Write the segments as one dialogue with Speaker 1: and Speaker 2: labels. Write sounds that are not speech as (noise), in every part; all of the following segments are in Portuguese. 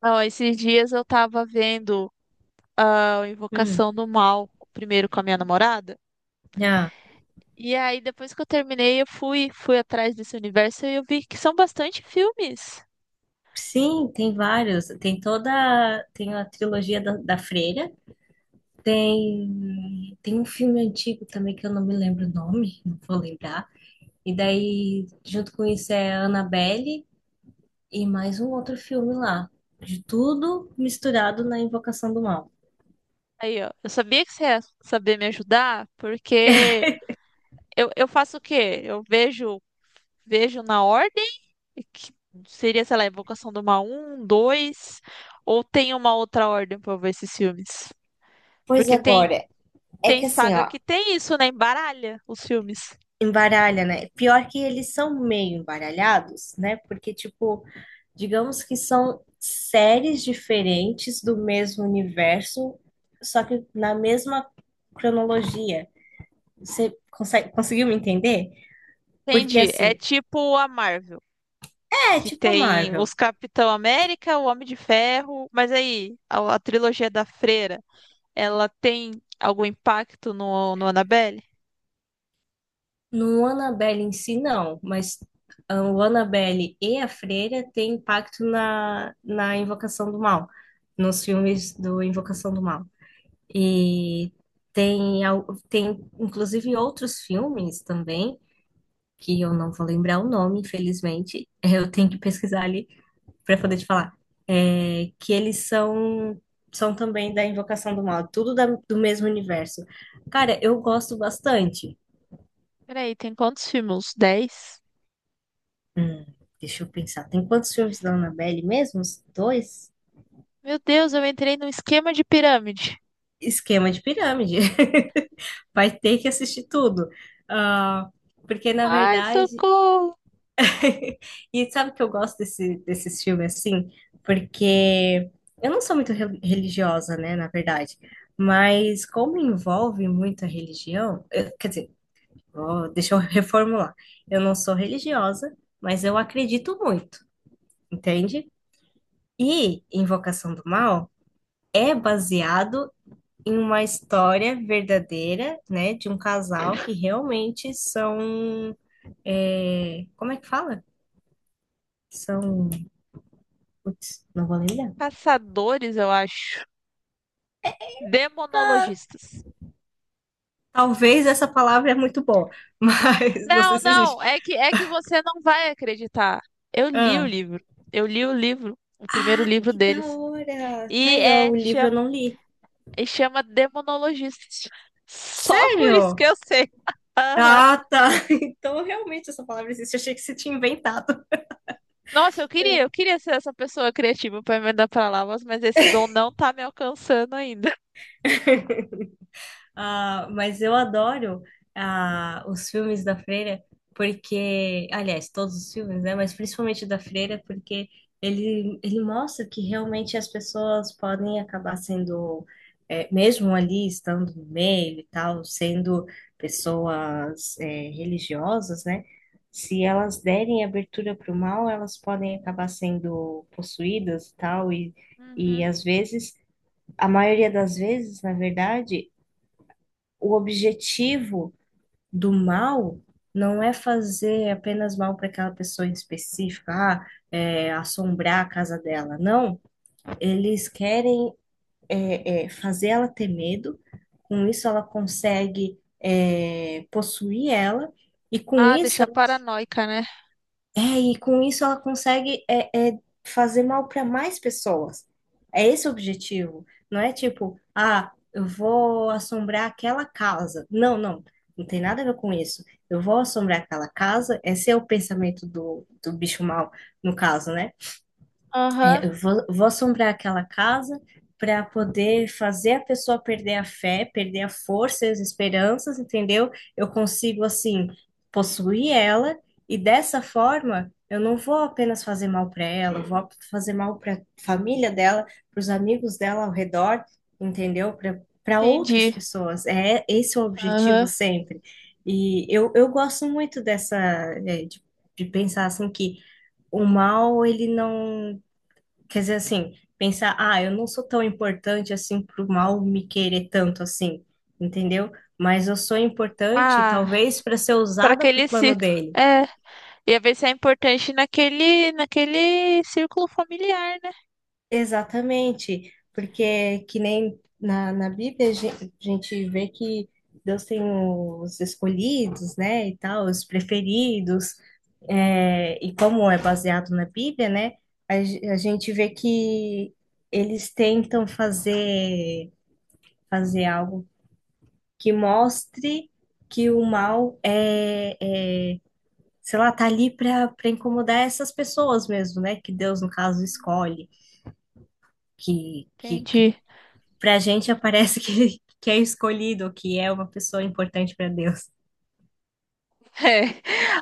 Speaker 1: Não, esses dias eu tava vendo a
Speaker 2: Hum,
Speaker 1: Invocação do Mal, primeiro com a minha namorada.
Speaker 2: já.
Speaker 1: E aí, depois que eu terminei, eu fui atrás desse universo e eu vi que são bastante filmes.
Speaker 2: Sim, tem vários. Tem a trilogia da Freira. Tem um filme antigo também que eu não me lembro o nome, não vou lembrar. E daí, junto com isso é a Annabelle e mais um outro filme lá. De tudo misturado na Invocação do Mal.
Speaker 1: Aí, ó, eu sabia que você ia saber me ajudar,
Speaker 2: (laughs)
Speaker 1: porque eu faço o quê? Eu vejo na ordem, que seria, sei lá, Invocação do Mal um dois, ou tem uma outra ordem pra eu ver esses filmes.
Speaker 2: Pois
Speaker 1: Porque tem,
Speaker 2: agora, é
Speaker 1: tem
Speaker 2: que assim,
Speaker 1: saga
Speaker 2: ó,
Speaker 1: que tem isso, né? Embaralha os filmes.
Speaker 2: embaralha, né? Pior que eles são meio embaralhados, né? Porque, tipo, digamos que são séries diferentes do mesmo universo, só que na mesma cronologia. Você conseguiu me entender? Porque
Speaker 1: Entendi. É
Speaker 2: assim,
Speaker 1: tipo a Marvel,
Speaker 2: é
Speaker 1: que
Speaker 2: tipo a
Speaker 1: tem
Speaker 2: Marvel.
Speaker 1: os Capitão América, o Homem de Ferro, mas aí, a trilogia da Freira, ela tem algum impacto no Annabelle?
Speaker 2: No Annabelle em si, não, mas ah, o Annabelle e a Freira têm impacto na Invocação do Mal, nos filmes do Invocação do Mal. E tem, tem inclusive outros filmes também que eu não vou lembrar o nome, infelizmente, (laughs) eu tenho que pesquisar ali para poder te falar, que eles são são também da Invocação do Mal, tudo do mesmo universo. Cara, eu gosto bastante.
Speaker 1: Peraí, tem quantos filmes? 10?
Speaker 2: Hum, deixa eu pensar, tem quantos filmes da Annabelle mesmo? Uns dois?
Speaker 1: Meu Deus, eu entrei num esquema de pirâmide.
Speaker 2: Esquema de pirâmide. (laughs) Vai ter que assistir tudo. Ah, porque, na
Speaker 1: Ai,
Speaker 2: verdade,
Speaker 1: socorro!
Speaker 2: e sabe que eu desses filmes assim? Porque eu não sou muito religiosa, né, na verdade. Mas como envolve muito a religião, quer dizer, ó, deixa eu (laughs) reformular. Eu não sou religiosa, mas eu acredito muito, entende? E Invocação do Mal é baseado em uma história verdadeira, né, de um casal que realmente são, é, como é que fala? São, putz, não vou lembrar.
Speaker 1: Caçadores, eu acho. Demonologistas.
Speaker 2: Talvez essa palavra é muito boa, mas (laughs) não
Speaker 1: Não,
Speaker 2: sei se existe.
Speaker 1: não, é que você não vai acreditar. Eu li o
Speaker 2: Ah,
Speaker 1: livro. Eu li o livro, o primeiro
Speaker 2: ah,
Speaker 1: livro
Speaker 2: que da
Speaker 1: deles.
Speaker 2: hora! Tá
Speaker 1: E
Speaker 2: aí, ó,
Speaker 1: é,
Speaker 2: o livro eu
Speaker 1: chama
Speaker 2: não li.
Speaker 1: E chama demonologista. Só por isso que
Speaker 2: Sério?
Speaker 1: eu sei. Aham.
Speaker 2: Ah, tá. (laughs) Então realmente essa palavra existe. Achei que você tinha inventado.
Speaker 1: Nossa, eu queria ser essa pessoa criativa para emendar palavras, mas esse dom não tá me alcançando ainda.
Speaker 2: (laughs) Ah, mas eu adoro ah, os filmes da Freira, porque, aliás, todos os filmes, né? Mas principalmente o da Freira, porque ele mostra que realmente as pessoas podem acabar sendo, mesmo ali estando no meio e tal, sendo pessoas, religiosas, né? Se elas derem abertura para o mal, elas podem acabar sendo possuídas e tal, e
Speaker 1: Uhum.
Speaker 2: às vezes. A maioria das vezes, na verdade, o objetivo do mal não é fazer apenas mal para aquela pessoa em específica, ah, é, assombrar a casa dela. Não, eles querem fazer ela ter medo, com isso ela consegue possuir ela, e com
Speaker 1: Ah,
Speaker 2: isso
Speaker 1: deixar paranoica, né?
Speaker 2: é, e com isso ela consegue fazer mal para mais pessoas. É esse o objetivo. Não é tipo, ah, eu vou assombrar aquela casa. Não, não. Não tem nada a ver com isso. Eu vou assombrar aquela casa. Esse é o pensamento do bicho mal, no caso, né?
Speaker 1: Aham,
Speaker 2: Vou assombrar aquela casa para poder fazer a pessoa perder a fé, perder a força e as esperanças, entendeu? Eu consigo, assim, possuir ela e dessa forma eu não vou apenas fazer mal para ela, eu vou fazer mal para família dela, para os amigos dela ao redor, entendeu? Para outras
Speaker 1: entendi.
Speaker 2: pessoas. É esse é o objetivo
Speaker 1: Aham.
Speaker 2: sempre. E eu gosto muito dessa, é, de pensar assim que o mal ele não quer dizer, assim, pensar, ah, eu não sou tão importante assim pro mal me querer tanto assim, entendeu? Mas eu sou importante,
Speaker 1: Ah,
Speaker 2: talvez, para ser
Speaker 1: para
Speaker 2: usada pro
Speaker 1: aquele
Speaker 2: plano
Speaker 1: ciclo.
Speaker 2: dele.
Speaker 1: É, ia ver se é importante naquele círculo familiar, né?
Speaker 2: Exatamente, porque que nem na Bíblia a a gente vê que Deus tem os escolhidos, né, e tal, os preferidos, é, e como é baseado na Bíblia, né, a gente vê que eles tentam fazer fazer algo que mostre que o mal é, é sei lá, tá ali para para incomodar essas pessoas mesmo, né? Que Deus, no caso,
Speaker 1: Uhum.
Speaker 2: escolhe, que
Speaker 1: Entendi. (laughs)
Speaker 2: pra gente aparece (laughs) que, que é escolhido, que é uma pessoa importante para Deus.
Speaker 1: É.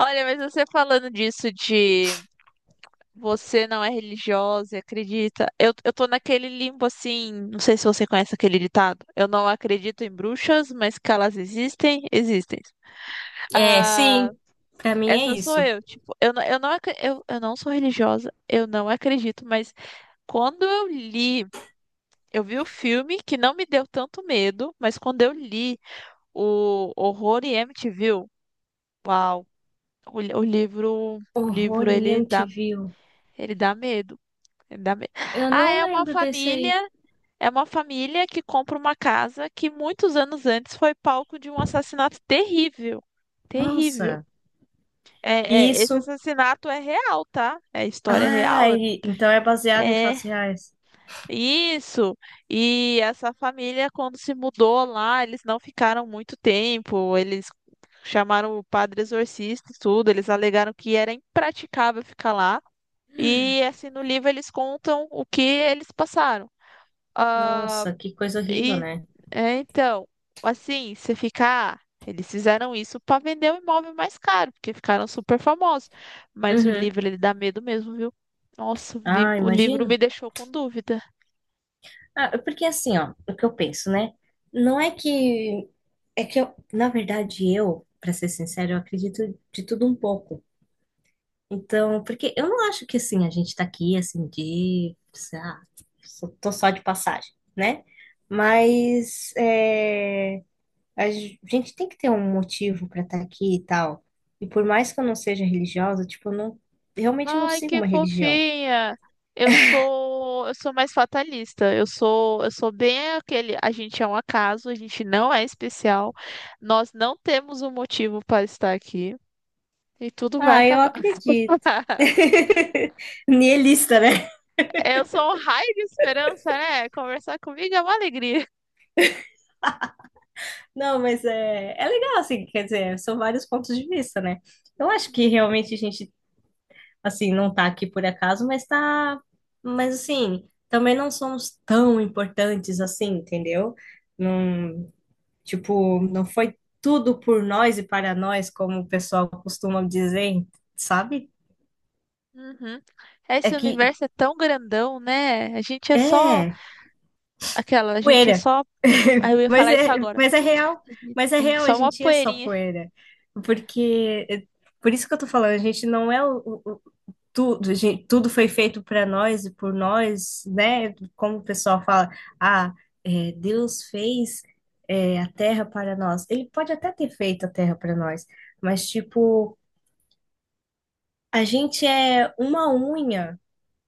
Speaker 1: Olha, mas você falando disso de. Você não é religiosa, e acredita? Eu tô naquele limbo assim, não sei se você conhece aquele ditado. Eu não acredito em bruxas, mas que elas existem, existem.
Speaker 2: É,
Speaker 1: Ah,
Speaker 2: sim, pra mim é
Speaker 1: essa sou
Speaker 2: isso.
Speaker 1: eu, tipo, eu não sou religiosa, eu não acredito, mas quando eu li, eu vi o filme que não me deu tanto medo, mas quando eu li o Horror em Amityville, uau, o livro
Speaker 2: Horror em MTV.
Speaker 1: ele dá medo, ele dá medo.
Speaker 2: Eu
Speaker 1: Ah,
Speaker 2: não
Speaker 1: é uma
Speaker 2: lembro desse aí.
Speaker 1: família É uma família que compra uma casa que muitos anos antes foi palco de um assassinato terrível. Terrível.
Speaker 2: Nossa,
Speaker 1: É, esse
Speaker 2: isso.
Speaker 1: assassinato é real, tá? É história real.
Speaker 2: Ah, e- então é baseado em
Speaker 1: É,
Speaker 2: fatos
Speaker 1: é
Speaker 2: reais.
Speaker 1: isso. E essa família, quando se mudou lá, eles não ficaram muito tempo. Eles chamaram o padre exorcista e tudo. Eles alegaram que era impraticável ficar lá. E assim, no livro eles contam o que eles passaram. Ah,
Speaker 2: Nossa, que coisa horrível,
Speaker 1: E
Speaker 2: né?
Speaker 1: então, assim, você fica, eles fizeram isso para vender o imóvel mais caro, porque ficaram super famosos. Mas o
Speaker 2: Uhum.
Speaker 1: livro, ele dá medo mesmo, viu? Nossa, o li-
Speaker 2: Ah,
Speaker 1: o livro
Speaker 2: imagino.
Speaker 1: me deixou com dúvida.
Speaker 2: Ah, porque assim, ó, o que eu penso, né? Não é que. É que eu, na verdade, eu, pra ser sincero, eu acredito de tudo um pouco. Então, porque eu não acho que assim, a gente tá aqui assim de. Sei lá, tô só de passagem, né? Mas é, a gente tem que ter um motivo pra estar aqui e tal. E por mais que eu não seja religiosa, tipo, eu não, realmente não
Speaker 1: Ai,
Speaker 2: sigo
Speaker 1: que
Speaker 2: uma religião.
Speaker 1: fofinha. Eu sou mais fatalista. Eu sou bem aquele, a gente é um acaso, a gente não é especial. Nós não temos um motivo para estar aqui e tudo vai
Speaker 2: Ah, eu
Speaker 1: acabar.
Speaker 2: acredito.
Speaker 1: (laughs)
Speaker 2: (laughs) Nihilista,
Speaker 1: Eu sou um raio de esperança, né? Conversar comigo é uma alegria.
Speaker 2: não, mas é, é legal, assim, quer dizer, são vários pontos de vista, né? Eu acho que realmente a gente, assim, não tá aqui por acaso, mas tá. Mas, assim, também não somos tão importantes assim, entendeu? Não, tipo, não foi tudo por nós e para nós, como o pessoal costuma dizer, sabe?
Speaker 1: Uhum.
Speaker 2: É
Speaker 1: Esse
Speaker 2: que.
Speaker 1: universo é tão grandão, né? A gente é só
Speaker 2: É,
Speaker 1: aquela, a gente é
Speaker 2: poeira.
Speaker 1: só. Ah,
Speaker 2: (laughs)
Speaker 1: eu ia falar isso agora.
Speaker 2: Mas é real.
Speaker 1: A gente
Speaker 2: Mas é
Speaker 1: a gente é
Speaker 2: real, a
Speaker 1: só uma
Speaker 2: gente é só
Speaker 1: poeirinha.
Speaker 2: poeira. Porque. Por isso que eu tô falando, a gente não é o, tudo, gente, tudo foi feito para nós e por nós, né? Como o pessoal fala, ah, é, Deus fez é, a terra para nós. Ele pode até ter feito a terra para nós, mas tipo, a gente é uma unha,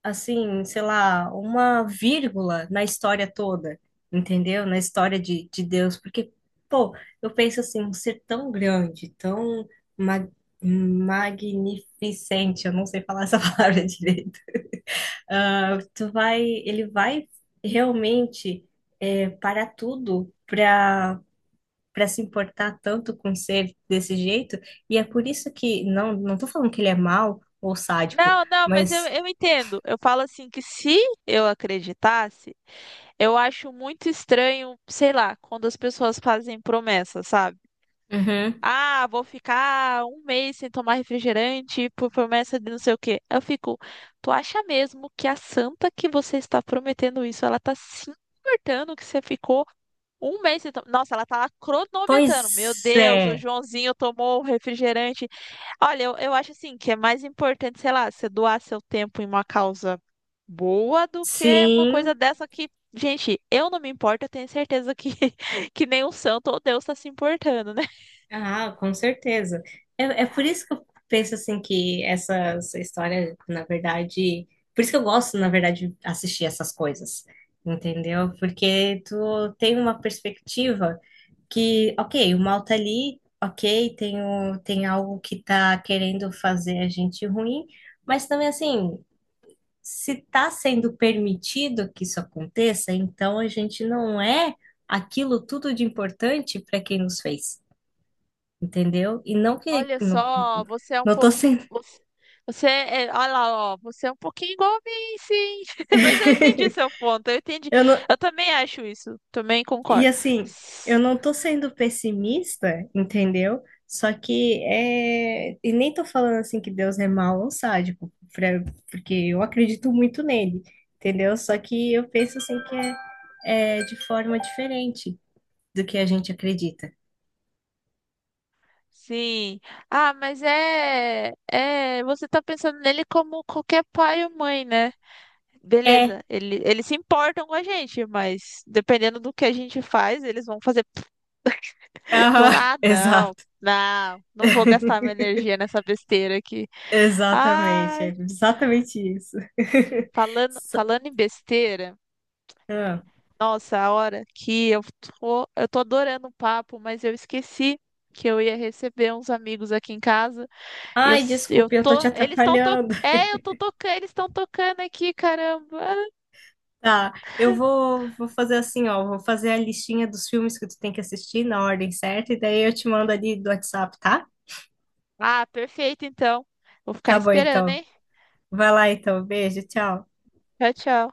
Speaker 2: assim, sei lá, uma vírgula na história toda, entendeu? Na história de Deus, porque, pô, eu penso assim, um ser tão grande, tão ma magnificente, eu não sei falar essa (laughs) palavra direito ah, ele vai realmente é, parar tudo para para se importar tanto com ser desse jeito. E é por isso que não tô falando que ele é mau ou sádico,
Speaker 1: Não, não, mas eu,
Speaker 2: mas
Speaker 1: eu entendo. Eu falo assim que, se eu acreditasse, eu acho muito estranho, sei lá, quando as pessoas fazem promessas, sabe?
Speaker 2: uhum.
Speaker 1: Ah, vou ficar um mês sem tomar refrigerante por promessa de não sei o quê. Eu fico, tu acha mesmo que a santa que você está prometendo isso, ela tá se importando que você ficou um mês sem tomar? Nossa, ela tá lá cronometrando. Meu
Speaker 2: Pois
Speaker 1: Deus, o
Speaker 2: é,
Speaker 1: Joãozinho tomou o refrigerante. Olha, eu acho assim que é mais importante, sei lá, você doar seu tempo em uma causa boa do que uma
Speaker 2: sim,
Speaker 1: coisa dessa que, gente, eu não me importo, eu tenho certeza que, (laughs) que nem o santo ou Deus está se importando, né?
Speaker 2: ah, com certeza. É, é por isso que eu penso assim que essa história, na verdade, por isso que eu gosto, na verdade, de assistir essas coisas. Entendeu? Porque tu tem uma perspectiva que, ok, o mal tá ali, ok, tem, o, tem algo que tá querendo fazer a gente ruim, mas também assim, se tá sendo permitido que isso aconteça, então a gente não é aquilo tudo de importante para quem nos fez, entendeu? E não que
Speaker 1: Olha
Speaker 2: não,
Speaker 1: só, você é um
Speaker 2: não tô
Speaker 1: pouco.
Speaker 2: sendo.
Speaker 1: Você, você é. Olha lá, ó, você é um pouquinho igual a mim, sim. (laughs) Mas eu entendi
Speaker 2: (laughs)
Speaker 1: seu ponto, eu entendi.
Speaker 2: Eu não,
Speaker 1: Eu também acho isso, também
Speaker 2: e
Speaker 1: concordo.
Speaker 2: assim, eu
Speaker 1: S-
Speaker 2: não tô sendo pessimista, entendeu? Só que é. E nem tô falando assim que Deus é mau ou sádico, pra- porque eu acredito muito nele, entendeu? Só que eu penso assim que é, é de forma diferente do que a gente acredita.
Speaker 1: Sim. Ah, mas é. É, você tá pensando nele como qualquer pai ou mãe, né?
Speaker 2: É,
Speaker 1: Beleza, eles se importam com a gente, mas dependendo do que a gente faz, eles vão fazer. (laughs) (tsk)
Speaker 2: aham,
Speaker 1: Ah,
Speaker 2: (laughs)
Speaker 1: não,
Speaker 2: exato.
Speaker 1: não, não vou gastar
Speaker 2: (laughs)
Speaker 1: minha energia nessa besteira aqui.
Speaker 2: Exatamente, é
Speaker 1: Ai.
Speaker 2: exatamente isso. (laughs)
Speaker 1: Falando,
Speaker 2: So-
Speaker 1: falando em besteira,
Speaker 2: ah.
Speaker 1: nossa, a hora que eu tô adorando o papo, mas eu esqueci que eu ia receber uns amigos aqui em casa. Eu,
Speaker 2: Ai,
Speaker 1: s- eu
Speaker 2: desculpe, eu tô te
Speaker 1: tô, eles estão to,
Speaker 2: atrapalhando.
Speaker 1: eu tô tocando, eles estão tocando aqui, caramba.
Speaker 2: Tá, vou fazer assim, ó, vou fazer a listinha dos filmes que tu tem que assistir na ordem certa, e daí eu te mando ali do WhatsApp, tá?
Speaker 1: Ah, perfeito, então. Vou ficar
Speaker 2: Tá bom,
Speaker 1: esperando,
Speaker 2: então.
Speaker 1: hein?
Speaker 2: Vai lá, então. Beijo, tchau.
Speaker 1: Tchau, tchau.